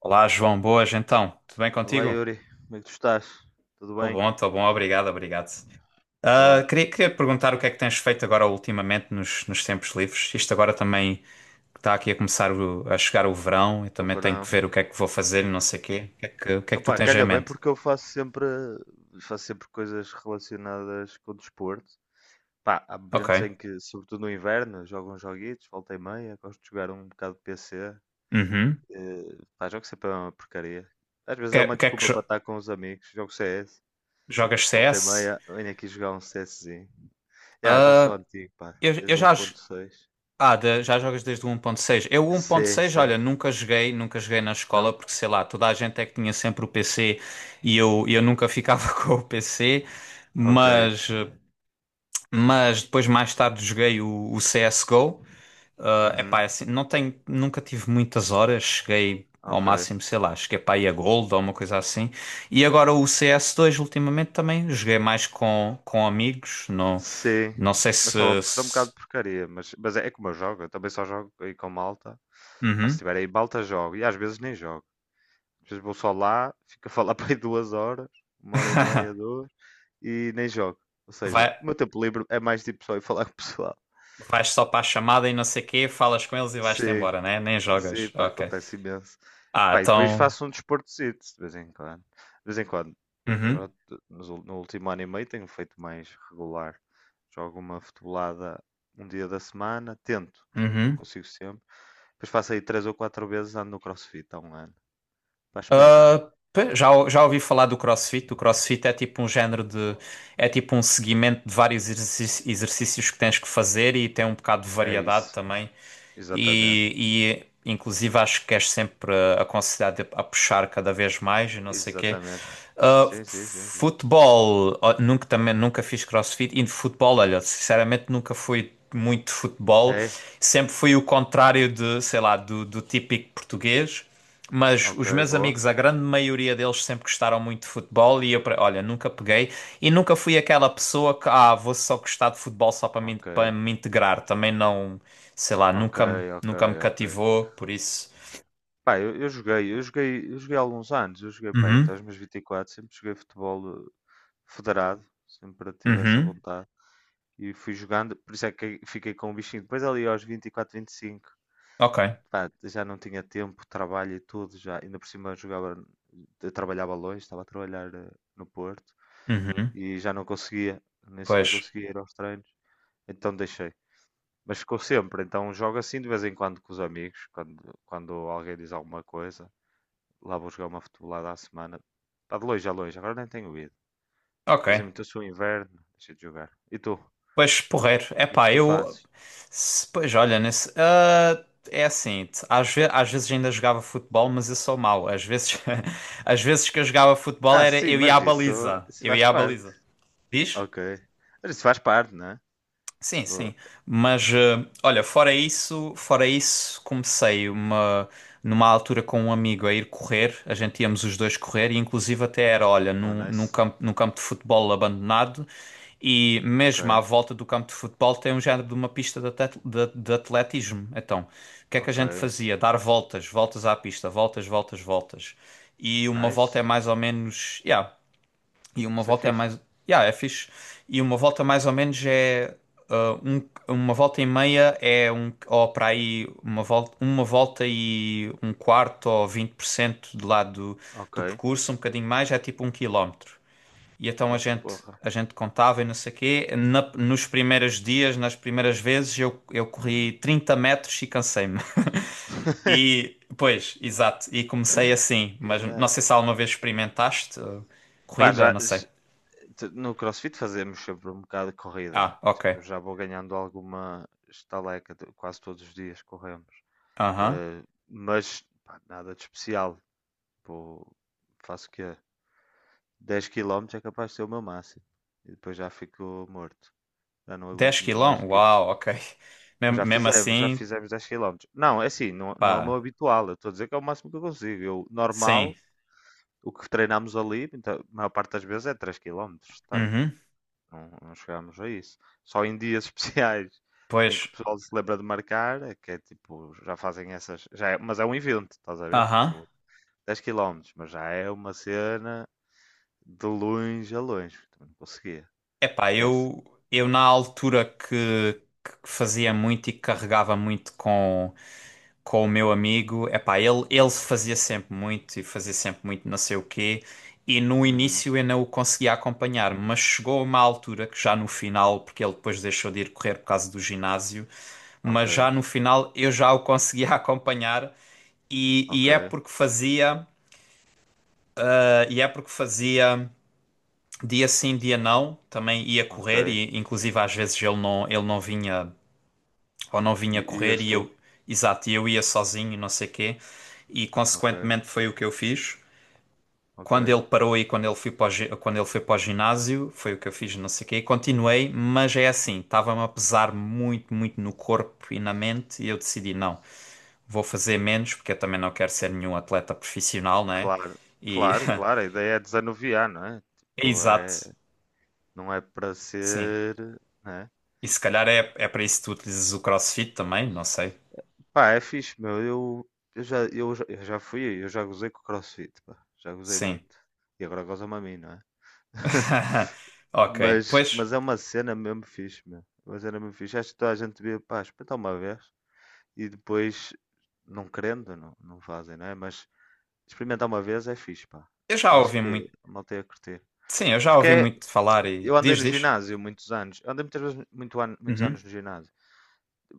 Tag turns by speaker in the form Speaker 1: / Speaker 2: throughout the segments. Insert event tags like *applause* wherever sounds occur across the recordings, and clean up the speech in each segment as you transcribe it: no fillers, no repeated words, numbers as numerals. Speaker 1: Olá, João, boas então. Tudo bem
Speaker 2: Olá
Speaker 1: contigo?
Speaker 2: Yuri, como é que tu estás? Tudo bem?
Speaker 1: Estou bom, obrigado, obrigado. Ah,
Speaker 2: Boa,
Speaker 1: queria, queria te perguntar o que é que tens feito agora ultimamente nos tempos livres. Isto agora também está aqui a começar a chegar o verão, eu
Speaker 2: o
Speaker 1: também tenho que
Speaker 2: verão.
Speaker 1: ver o que é que vou fazer e não sei o quê. O que é que tu
Speaker 2: Opá,
Speaker 1: tens em
Speaker 2: calha bem
Speaker 1: mente?
Speaker 2: porque eu faço sempre coisas relacionadas com o desporto. Pá, há momentos em
Speaker 1: Ok.
Speaker 2: que, sobretudo no inverno, jogo uns joguitos, volta e meia, gosto de jogar um bocado de PC.
Speaker 1: Uhum.
Speaker 2: Pá, jogo sempre é uma porcaria. Às vezes é
Speaker 1: O
Speaker 2: uma
Speaker 1: que é que
Speaker 2: desculpa para estar com os amigos, jogo CS,
Speaker 1: jogas
Speaker 2: volta e
Speaker 1: CS?
Speaker 2: meia, venho aqui jogar um CSzinho. Já sou
Speaker 1: Ah,
Speaker 2: antigo, pá,
Speaker 1: eu
Speaker 2: desde
Speaker 1: já,
Speaker 2: 1.6.
Speaker 1: Ah, da- Já jogas desde o 1.6. Eu o
Speaker 2: Sim,
Speaker 1: 1.6,
Speaker 2: sim.
Speaker 1: olha, nunca joguei, nunca joguei na escola
Speaker 2: Não?
Speaker 1: porque sei lá, toda a gente é que tinha sempre o PC e eu nunca ficava *laughs* com o PC,
Speaker 2: Ok.
Speaker 1: mas, mas depois mais tarde joguei o CSGO. Ah, epá, é
Speaker 2: Uhum.
Speaker 1: assim, não tenho, nunca tive muitas horas, cheguei ao
Speaker 2: Ok.
Speaker 1: máximo, sei lá, cheguei para aí a Gold ou uma coisa assim. E agora o CS2 ultimamente também joguei mais com amigos, não,
Speaker 2: Sim,
Speaker 1: não sei
Speaker 2: mas
Speaker 1: se...
Speaker 2: estava bom, porque um
Speaker 1: se...
Speaker 2: bocado de porcaria. Mas é, é como eu jogo, eu também só jogo aí com malta. Pá, se
Speaker 1: Uhum.
Speaker 2: tiver aí malta, jogo. E às vezes nem jogo. Às vezes vou só lá, fico a falar *laughs* para aí 2 horas, 1 hora e meia,
Speaker 1: *laughs*
Speaker 2: duas, e nem jogo. Ou seja,
Speaker 1: Vai.
Speaker 2: o meu tempo livre é mais tipo só ir falar com o pessoal.
Speaker 1: Vais só para a chamada e não sei o quê, falas com eles e vais-te
Speaker 2: Sim.
Speaker 1: embora, né? Nem
Speaker 2: Sim,
Speaker 1: jogas.
Speaker 2: pá,
Speaker 1: Ok.
Speaker 2: acontece imenso.
Speaker 1: Ah,
Speaker 2: Pá, e depois
Speaker 1: então.
Speaker 2: faço um desportozito de vez em quando. De vez em quando.
Speaker 1: Uhum.
Speaker 2: Agora, no último ano e meio tenho feito mais regular. Jogo uma futebolada um dia da semana, tento, não
Speaker 1: Uhum.
Speaker 2: consigo sempre. Depois faço aí três ou quatro vezes, ando no CrossFit há um ano. Para experimentar.
Speaker 1: Já ouvi falar do CrossFit. O CrossFit é tipo um género de. É tipo um seguimento de vários exercícios que tens que fazer e tem um bocado de
Speaker 2: É
Speaker 1: variedade
Speaker 2: isso.
Speaker 1: também.
Speaker 2: Exatamente.
Speaker 1: E inclusive acho que és sempre aconselhado a puxar cada vez mais e não sei o quê.
Speaker 2: Exatamente.
Speaker 1: Ah,
Speaker 2: Sim, sim, sim, sim.
Speaker 1: futebol, ó, nunca também nunca fiz CrossFit e de futebol, olha, sinceramente nunca fui muito de futebol.
Speaker 2: É?
Speaker 1: Sempre fui o contrário de, sei lá, do típico português. Mas
Speaker 2: Ok,
Speaker 1: os meus
Speaker 2: boa.
Speaker 1: amigos, a grande maioria deles sempre gostaram muito de futebol e eu, olha, nunca peguei e nunca fui aquela pessoa que, ah, vou só gostar de futebol só para
Speaker 2: Ok.
Speaker 1: para me integrar. Também não, sei lá,
Speaker 2: Ok,
Speaker 1: nunca,
Speaker 2: ok,
Speaker 1: nunca me
Speaker 2: ok.
Speaker 1: cativou, por isso.
Speaker 2: Pá, eu joguei há alguns anos, eu joguei pá, até
Speaker 1: Uhum,
Speaker 2: aos meus 24, sempre joguei futebol federado, sempre tive essa
Speaker 1: uhum,
Speaker 2: vontade e fui jogando, por isso é que fiquei com o bichinho. Depois ali aos 24, 25,
Speaker 1: ok,
Speaker 2: pá, já não tinha tempo, trabalho e tudo, já ainda por cima eu jogava, eu trabalhava longe, estava a trabalhar no Porto
Speaker 1: uhum,
Speaker 2: e já não conseguia, nem sequer
Speaker 1: pois,
Speaker 2: conseguia ir aos treinos, então deixei. Mas ficou sempre, então jogo assim de vez em quando com os amigos, quando alguém diz alguma coisa. Lá vou jogar uma futebolada à semana. Está de longe a longe, agora nem tenho ido.
Speaker 1: ok.
Speaker 2: Depois imitou-se o inverno, deixa de jogar. E tu? O
Speaker 1: Pois, porreiro. É
Speaker 2: que é que
Speaker 1: pá,
Speaker 2: tu
Speaker 1: eu.
Speaker 2: fazes?
Speaker 1: Pois, olha, nesse. É assim, às vezes ainda jogava futebol, mas eu sou mau. Às vezes, *laughs* às vezes que eu jogava futebol
Speaker 2: Ah,
Speaker 1: era
Speaker 2: sim,
Speaker 1: eu ia à baliza.
Speaker 2: isso
Speaker 1: Eu
Speaker 2: faz
Speaker 1: ia à
Speaker 2: parte.
Speaker 1: baliza. Diz?
Speaker 2: Ok. Mas isso faz parte, né?
Speaker 1: Sim,
Speaker 2: Vou-
Speaker 1: sim. Mas olha, fora isso, comecei uma numa altura com um amigo a ir correr. A gente íamos os dois correr e inclusive até era, olha,
Speaker 2: Oh, nice.
Speaker 1: num campo de futebol abandonado e
Speaker 2: Ok,
Speaker 1: mesmo à volta do campo de futebol tem um género de uma pista de, de atletismo. Então, o que é que a gente
Speaker 2: ok.
Speaker 1: fazia? Dar voltas, voltas à pista, voltas, voltas, voltas. E uma volta
Speaker 2: Nice.
Speaker 1: é mais ou menos, yeah, e uma
Speaker 2: Isso é
Speaker 1: volta é
Speaker 2: fixe.
Speaker 1: mais. Yeah, é fixe. E uma volta mais ou menos é. ah, um- uma volta e meia é um. Ou para aí, uma volta e um quarto ou 20% do lado do,
Speaker 2: Ok.
Speaker 1: do percurso, um bocadinho mais, é tipo um quilómetro. E então a
Speaker 2: Oh,
Speaker 1: gente.
Speaker 2: porra.
Speaker 1: A gente contava e não sei o quê. Nos primeiros dias, nas primeiras vezes, eu corri
Speaker 2: Uhum.
Speaker 1: 30 metros e cansei-me. *laughs* E, pois, exato. E comecei assim.
Speaker 2: *laughs*
Speaker 1: Mas não
Speaker 2: Caralho.
Speaker 1: sei se alguma vez experimentaste
Speaker 2: Pá,
Speaker 1: corrida,
Speaker 2: já,
Speaker 1: não sei.
Speaker 2: j- t- No CrossFit fazemos sempre um bocado de corrida.
Speaker 1: Ah, ok.
Speaker 2: Tipo, eu já vou ganhando alguma estaleca, quase todos os dias corremos.
Speaker 1: Aham.
Speaker 2: Eh, mas pá, nada de especial. Vou- faço o quê? 10 quilómetros é capaz de ser o meu máximo. E depois já fico morto. Já não
Speaker 1: Dez
Speaker 2: aguento muito mais
Speaker 1: quilão?
Speaker 2: do que isso.
Speaker 1: Uau, ok.
Speaker 2: Mas já
Speaker 1: Mesmo
Speaker 2: fizemos, já
Speaker 1: assim,
Speaker 2: fizemos 10 quilómetros. Não, é assim, não, não é o meu
Speaker 1: pá,
Speaker 2: habitual. Eu estou a dizer que é o máximo que eu consigo. Eu,
Speaker 1: sim.
Speaker 2: normal, o que treinámos ali, então, a maior parte das vezes é 3 quilómetros. Portanto,
Speaker 1: Uhum.
Speaker 2: não chegámos a isso. Só em dias *laughs* especiais
Speaker 1: Pois,
Speaker 2: em que o pessoal se lembra de marcar, é que é tipo, já fazem essas. Já é- mas é um evento, estás a ver?
Speaker 1: aham.
Speaker 2: Tipo, 10 quilómetros mas já é uma cena de longe a longe. Também não conseguia.
Speaker 1: Epá,
Speaker 2: Esquece.
Speaker 1: eu na altura que fazia muito e carregava muito com. Com o meu amigo, epá, ele fazia sempre muito e fazia sempre muito não sei o quê, e no
Speaker 2: Uhum.
Speaker 1: início eu não o conseguia acompanhar, mas chegou a uma altura que já no final, porque ele depois deixou de ir correr por causa do ginásio,
Speaker 2: Ok,
Speaker 1: mas já no final eu já o conseguia *laughs* acompanhar
Speaker 2: ok,
Speaker 1: e é porque fazia, e é porque fazia dia sim, dia não, também ia correr
Speaker 2: ok.
Speaker 1: e inclusive às vezes ele não vinha ou não
Speaker 2: E,
Speaker 1: vinha
Speaker 2: e
Speaker 1: correr
Speaker 2: este
Speaker 1: e
Speaker 2: tu?
Speaker 1: eu, exato, e eu ia sozinho, não sei quê, e
Speaker 2: Ok,
Speaker 1: consequentemente foi o que eu fiz.
Speaker 2: ok.
Speaker 1: Quando ele parou e quando ele foi para o, quando ele foi para o ginásio, foi o que eu fiz, não sei o quê, e continuei, mas é assim, estava-me a pesar muito, muito no corpo e na mente, e eu decidi, não, vou fazer menos, porque eu também não quero ser nenhum atleta profissional, né?
Speaker 2: Claro,
Speaker 1: E,
Speaker 2: claro, claro. A ideia é desanuviar, não é?
Speaker 1: *laughs*
Speaker 2: Tipo, é,
Speaker 1: exato,
Speaker 2: não é para
Speaker 1: sim.
Speaker 2: ser, né?
Speaker 1: E se calhar é, é para isso que tu utilizas o CrossFit também, não sei.
Speaker 2: Pá, é fixe, meu. Eu já, eu, já- eu já fui, eu já gozei com o CrossFit, pá. Já gozei
Speaker 1: Sim. *laughs*
Speaker 2: muito. E agora goza-me a mim, não é? *laughs*
Speaker 1: Ok,
Speaker 2: Mas,
Speaker 1: pois
Speaker 2: mas é uma cena mesmo fixe, meu. É uma cena mesmo fixe. Acho que toda a gente devia, pá, experimentar uma vez e depois, não querendo, não fazem, não é? Mas experimentar uma vez é fixe, pá.
Speaker 1: eu já
Speaker 2: Acho
Speaker 1: ouvi
Speaker 2: que
Speaker 1: muito.
Speaker 2: a malta ia curtir.
Speaker 1: Sim, eu já
Speaker 2: Porque
Speaker 1: ouvi
Speaker 2: é-
Speaker 1: muito falar e
Speaker 2: eu andei
Speaker 1: diz,
Speaker 2: no
Speaker 1: diz.
Speaker 2: ginásio muitos anos. Eu andei muitas vezes muito ano, muitos
Speaker 1: Uhum,
Speaker 2: anos no ginásio.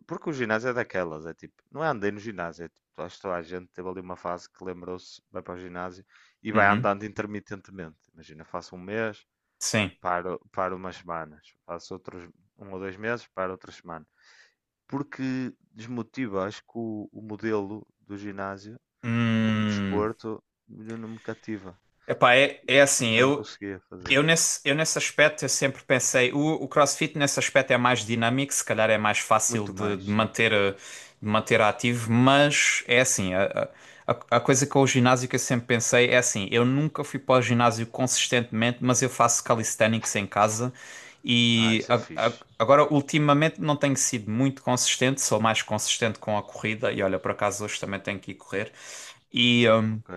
Speaker 2: Porque o ginásio é daquelas, é tipo, não é andei no ginásio, é tipo, acho que toda a gente teve ali uma fase que lembrou-se, vai para o ginásio e vai
Speaker 1: uhum,
Speaker 2: andando intermitentemente. Imagina, faço um mês,
Speaker 1: sim.
Speaker 2: paro umas semanas, faço outros um ou dois meses, paro outras semanas. Porque desmotiva, acho que o modelo do ginásio, como
Speaker 1: Hum,
Speaker 2: desporto, não me cativa.
Speaker 1: epá, é, é assim,
Speaker 2: Já não
Speaker 1: eu.
Speaker 2: conseguia fazer.
Speaker 1: Eu nesse aspecto eu sempre pensei, o CrossFit nesse aspecto é mais dinâmico, se calhar é mais fácil
Speaker 2: Muito mais,
Speaker 1: de
Speaker 2: sim.
Speaker 1: manter, de manter ativo, mas é assim, a coisa com o ginásio que eu sempre pensei é assim, eu nunca fui para o ginásio consistentemente, mas eu faço calisthenics em casa
Speaker 2: Ah,
Speaker 1: e
Speaker 2: isso é fixe.
Speaker 1: agora ultimamente não tenho sido muito consistente, sou mais consistente com a corrida e olha, por acaso hoje também tenho que ir correr. E,
Speaker 2: Ok.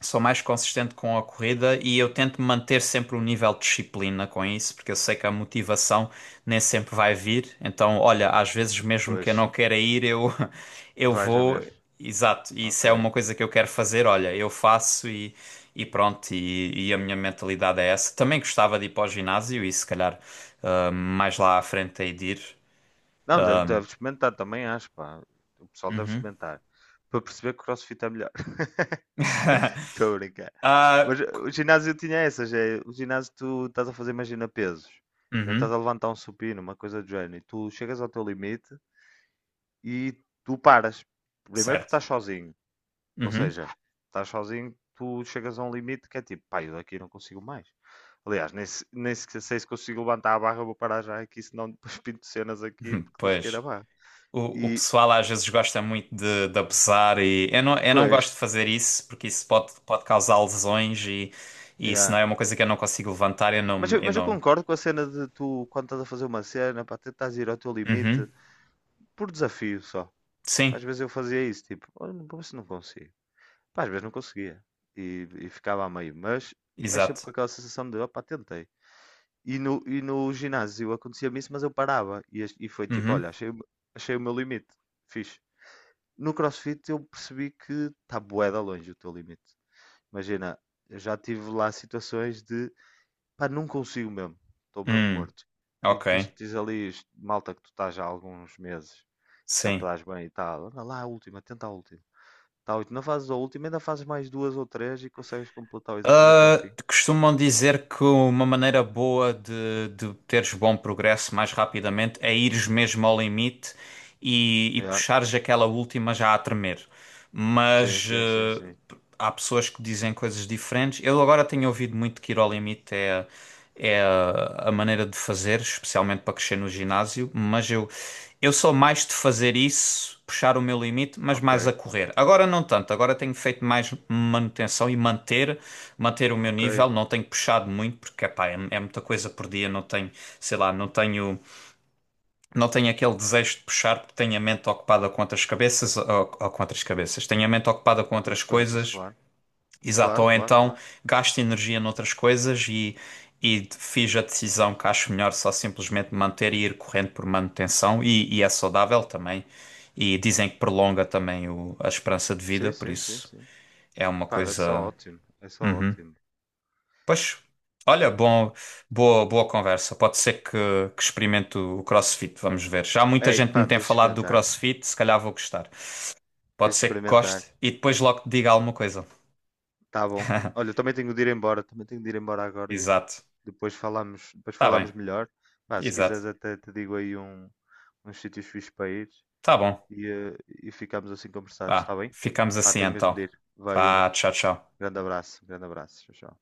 Speaker 1: sou mais consistente com a corrida e eu tento manter sempre um nível de disciplina com isso, porque eu sei que a motivação nem sempre vai vir. Então, olha, às vezes mesmo que eu
Speaker 2: Pois,
Speaker 1: não queira ir, eu *laughs* eu
Speaker 2: vais na
Speaker 1: vou,
Speaker 2: mesma.
Speaker 1: exato, e isso é
Speaker 2: Ok.
Speaker 1: uma coisa que eu quero fazer, olha, eu faço e pronto, e a minha mentalidade é essa. Também gostava de ir para o ginásio e se calhar mais lá à frente aí de ir.
Speaker 2: Não, deve experimentar também, acho, pá. O pessoal deve
Speaker 1: Uhum.
Speaker 2: experimentar. Para perceber que o CrossFit é melhor. *laughs* Estou a brincar.
Speaker 1: Ah,
Speaker 2: Mas
Speaker 1: c-
Speaker 2: o ginásio tinha essas, é, o ginásio tu estás a fazer, imagina, pesos, né, estás
Speaker 1: uhum,
Speaker 2: a levantar um supino, uma coisa do género, e tu chegas ao teu limite e tu paras. Primeiro porque
Speaker 1: certo.
Speaker 2: estás sozinho, ou
Speaker 1: Uhum.
Speaker 2: seja, estás sozinho, tu chegas a um limite que é tipo, pá, eu daqui não consigo mais. Aliás, nem, se- nem se- sei se consigo levantar a barra, vou parar já aqui, senão depois *laughs* pinto cenas aqui
Speaker 1: *laughs*
Speaker 2: porque
Speaker 1: Pois.
Speaker 2: desqueira a barra.
Speaker 1: O
Speaker 2: E,
Speaker 1: pessoal às vezes gosta muito de abusar e eu não
Speaker 2: pois,
Speaker 1: gosto de fazer isso porque isso pode, pode causar lesões e isso
Speaker 2: yeah.
Speaker 1: não é uma coisa que eu não consigo levantar, eu
Speaker 2: Mas
Speaker 1: não,
Speaker 2: eu,
Speaker 1: eu
Speaker 2: mas eu
Speaker 1: não.
Speaker 2: concordo com a cena de tu, quando estás a fazer uma cena, para tentar ir ao teu
Speaker 1: Uhum.
Speaker 2: limite, por desafio só. Às
Speaker 1: Sim,
Speaker 2: vezes eu fazia isso, tipo, olha, vou ver se não consigo. Pá, às vezes não conseguia. E ficava a meio. Mas sempre
Speaker 1: exato.
Speaker 2: com aquela sensação de, opá, tentei. E no ginásio acontecia-me isso, mas eu parava. E foi tipo, olha,
Speaker 1: Uhum.
Speaker 2: achei o meu limite. Fixe. No CrossFit eu percebi que está bué da longe o teu limite. Imagina, eu já tive lá situações de, pá, não consigo mesmo. Estou mesmo
Speaker 1: Hum,
Speaker 2: morto. E
Speaker 1: ok,
Speaker 2: depois tens ali, malta, que tu estás já há alguns meses, que já
Speaker 1: sim.
Speaker 2: estás bem e tal. Anda lá, a última, tenta a última. Tal, e tu não fazes a última, ainda fazes mais duas ou três e consegues completar o exercício até ao
Speaker 1: Ah,
Speaker 2: fim.
Speaker 1: costumam dizer que uma maneira boa de teres bom progresso mais rapidamente é ires mesmo ao limite e
Speaker 2: Yeah.
Speaker 1: puxares aquela última já a tremer.
Speaker 2: Sim,
Speaker 1: Mas
Speaker 2: sim, sim, sim.
Speaker 1: há pessoas que dizem coisas diferentes. Eu agora tenho ouvido muito que ir ao limite é, é a maneira de fazer, especialmente para crescer no ginásio, mas eu sou mais de fazer isso, puxar o meu limite, mas
Speaker 2: Ok,
Speaker 1: mais a correr. Agora não tanto, agora tenho feito mais manutenção e manter, manter o meu
Speaker 2: ok.
Speaker 1: nível, não tenho puxado muito, porque epá, é, é muita coisa por dia, não tenho, sei lá, não tenho não tem aquele desejo de puxar porque tem a mente ocupada com outras cabeças ou com outras cabeças, tem a mente ocupada com
Speaker 2: Com
Speaker 1: outras
Speaker 2: outras coisas,
Speaker 1: coisas,
Speaker 2: claro.
Speaker 1: exato,
Speaker 2: Claro,
Speaker 1: ou
Speaker 2: claro,
Speaker 1: então
Speaker 2: claro.
Speaker 1: gasta energia noutras coisas e fiz a decisão que acho melhor só simplesmente manter e ir correndo por manutenção e é saudável também. E dizem que prolonga também a esperança de vida,
Speaker 2: Sim,
Speaker 1: por
Speaker 2: sim, sim,
Speaker 1: isso
Speaker 2: sim.
Speaker 1: é uma
Speaker 2: Pá, é só
Speaker 1: coisa.
Speaker 2: ótimo. É só
Speaker 1: Uhum.
Speaker 2: ótimo.
Speaker 1: Pois, olha, bom, boa, boa conversa. Pode ser que experimente o CrossFit, vamos ver. Já muita
Speaker 2: Ei,
Speaker 1: gente me
Speaker 2: pá,
Speaker 1: tem
Speaker 2: tens de
Speaker 1: falado do
Speaker 2: experimentar.
Speaker 1: CrossFit, se calhar vou gostar.
Speaker 2: Tens
Speaker 1: Pode
Speaker 2: de
Speaker 1: ser que
Speaker 2: experimentar.
Speaker 1: goste e depois logo te diga alguma coisa.
Speaker 2: Tá bom. Olha, eu
Speaker 1: *laughs*
Speaker 2: também tenho de ir embora. Também tenho de ir embora agora e
Speaker 1: Exato.
Speaker 2: depois depois
Speaker 1: Tá
Speaker 2: falamos
Speaker 1: bem,
Speaker 2: melhor. Pá, se quiseres
Speaker 1: exato.
Speaker 2: até te digo aí um, uns sítios fixos para ir
Speaker 1: Tá bom.
Speaker 2: e, e ficamos assim conversados,
Speaker 1: Vá,
Speaker 2: está bem?
Speaker 1: ficamos
Speaker 2: Pá,
Speaker 1: assim
Speaker 2: tenho mesmo
Speaker 1: então.
Speaker 2: de ir. Vai, Yuri.
Speaker 1: Vá, tchau, tchau.
Speaker 2: Grande abraço. Tchau.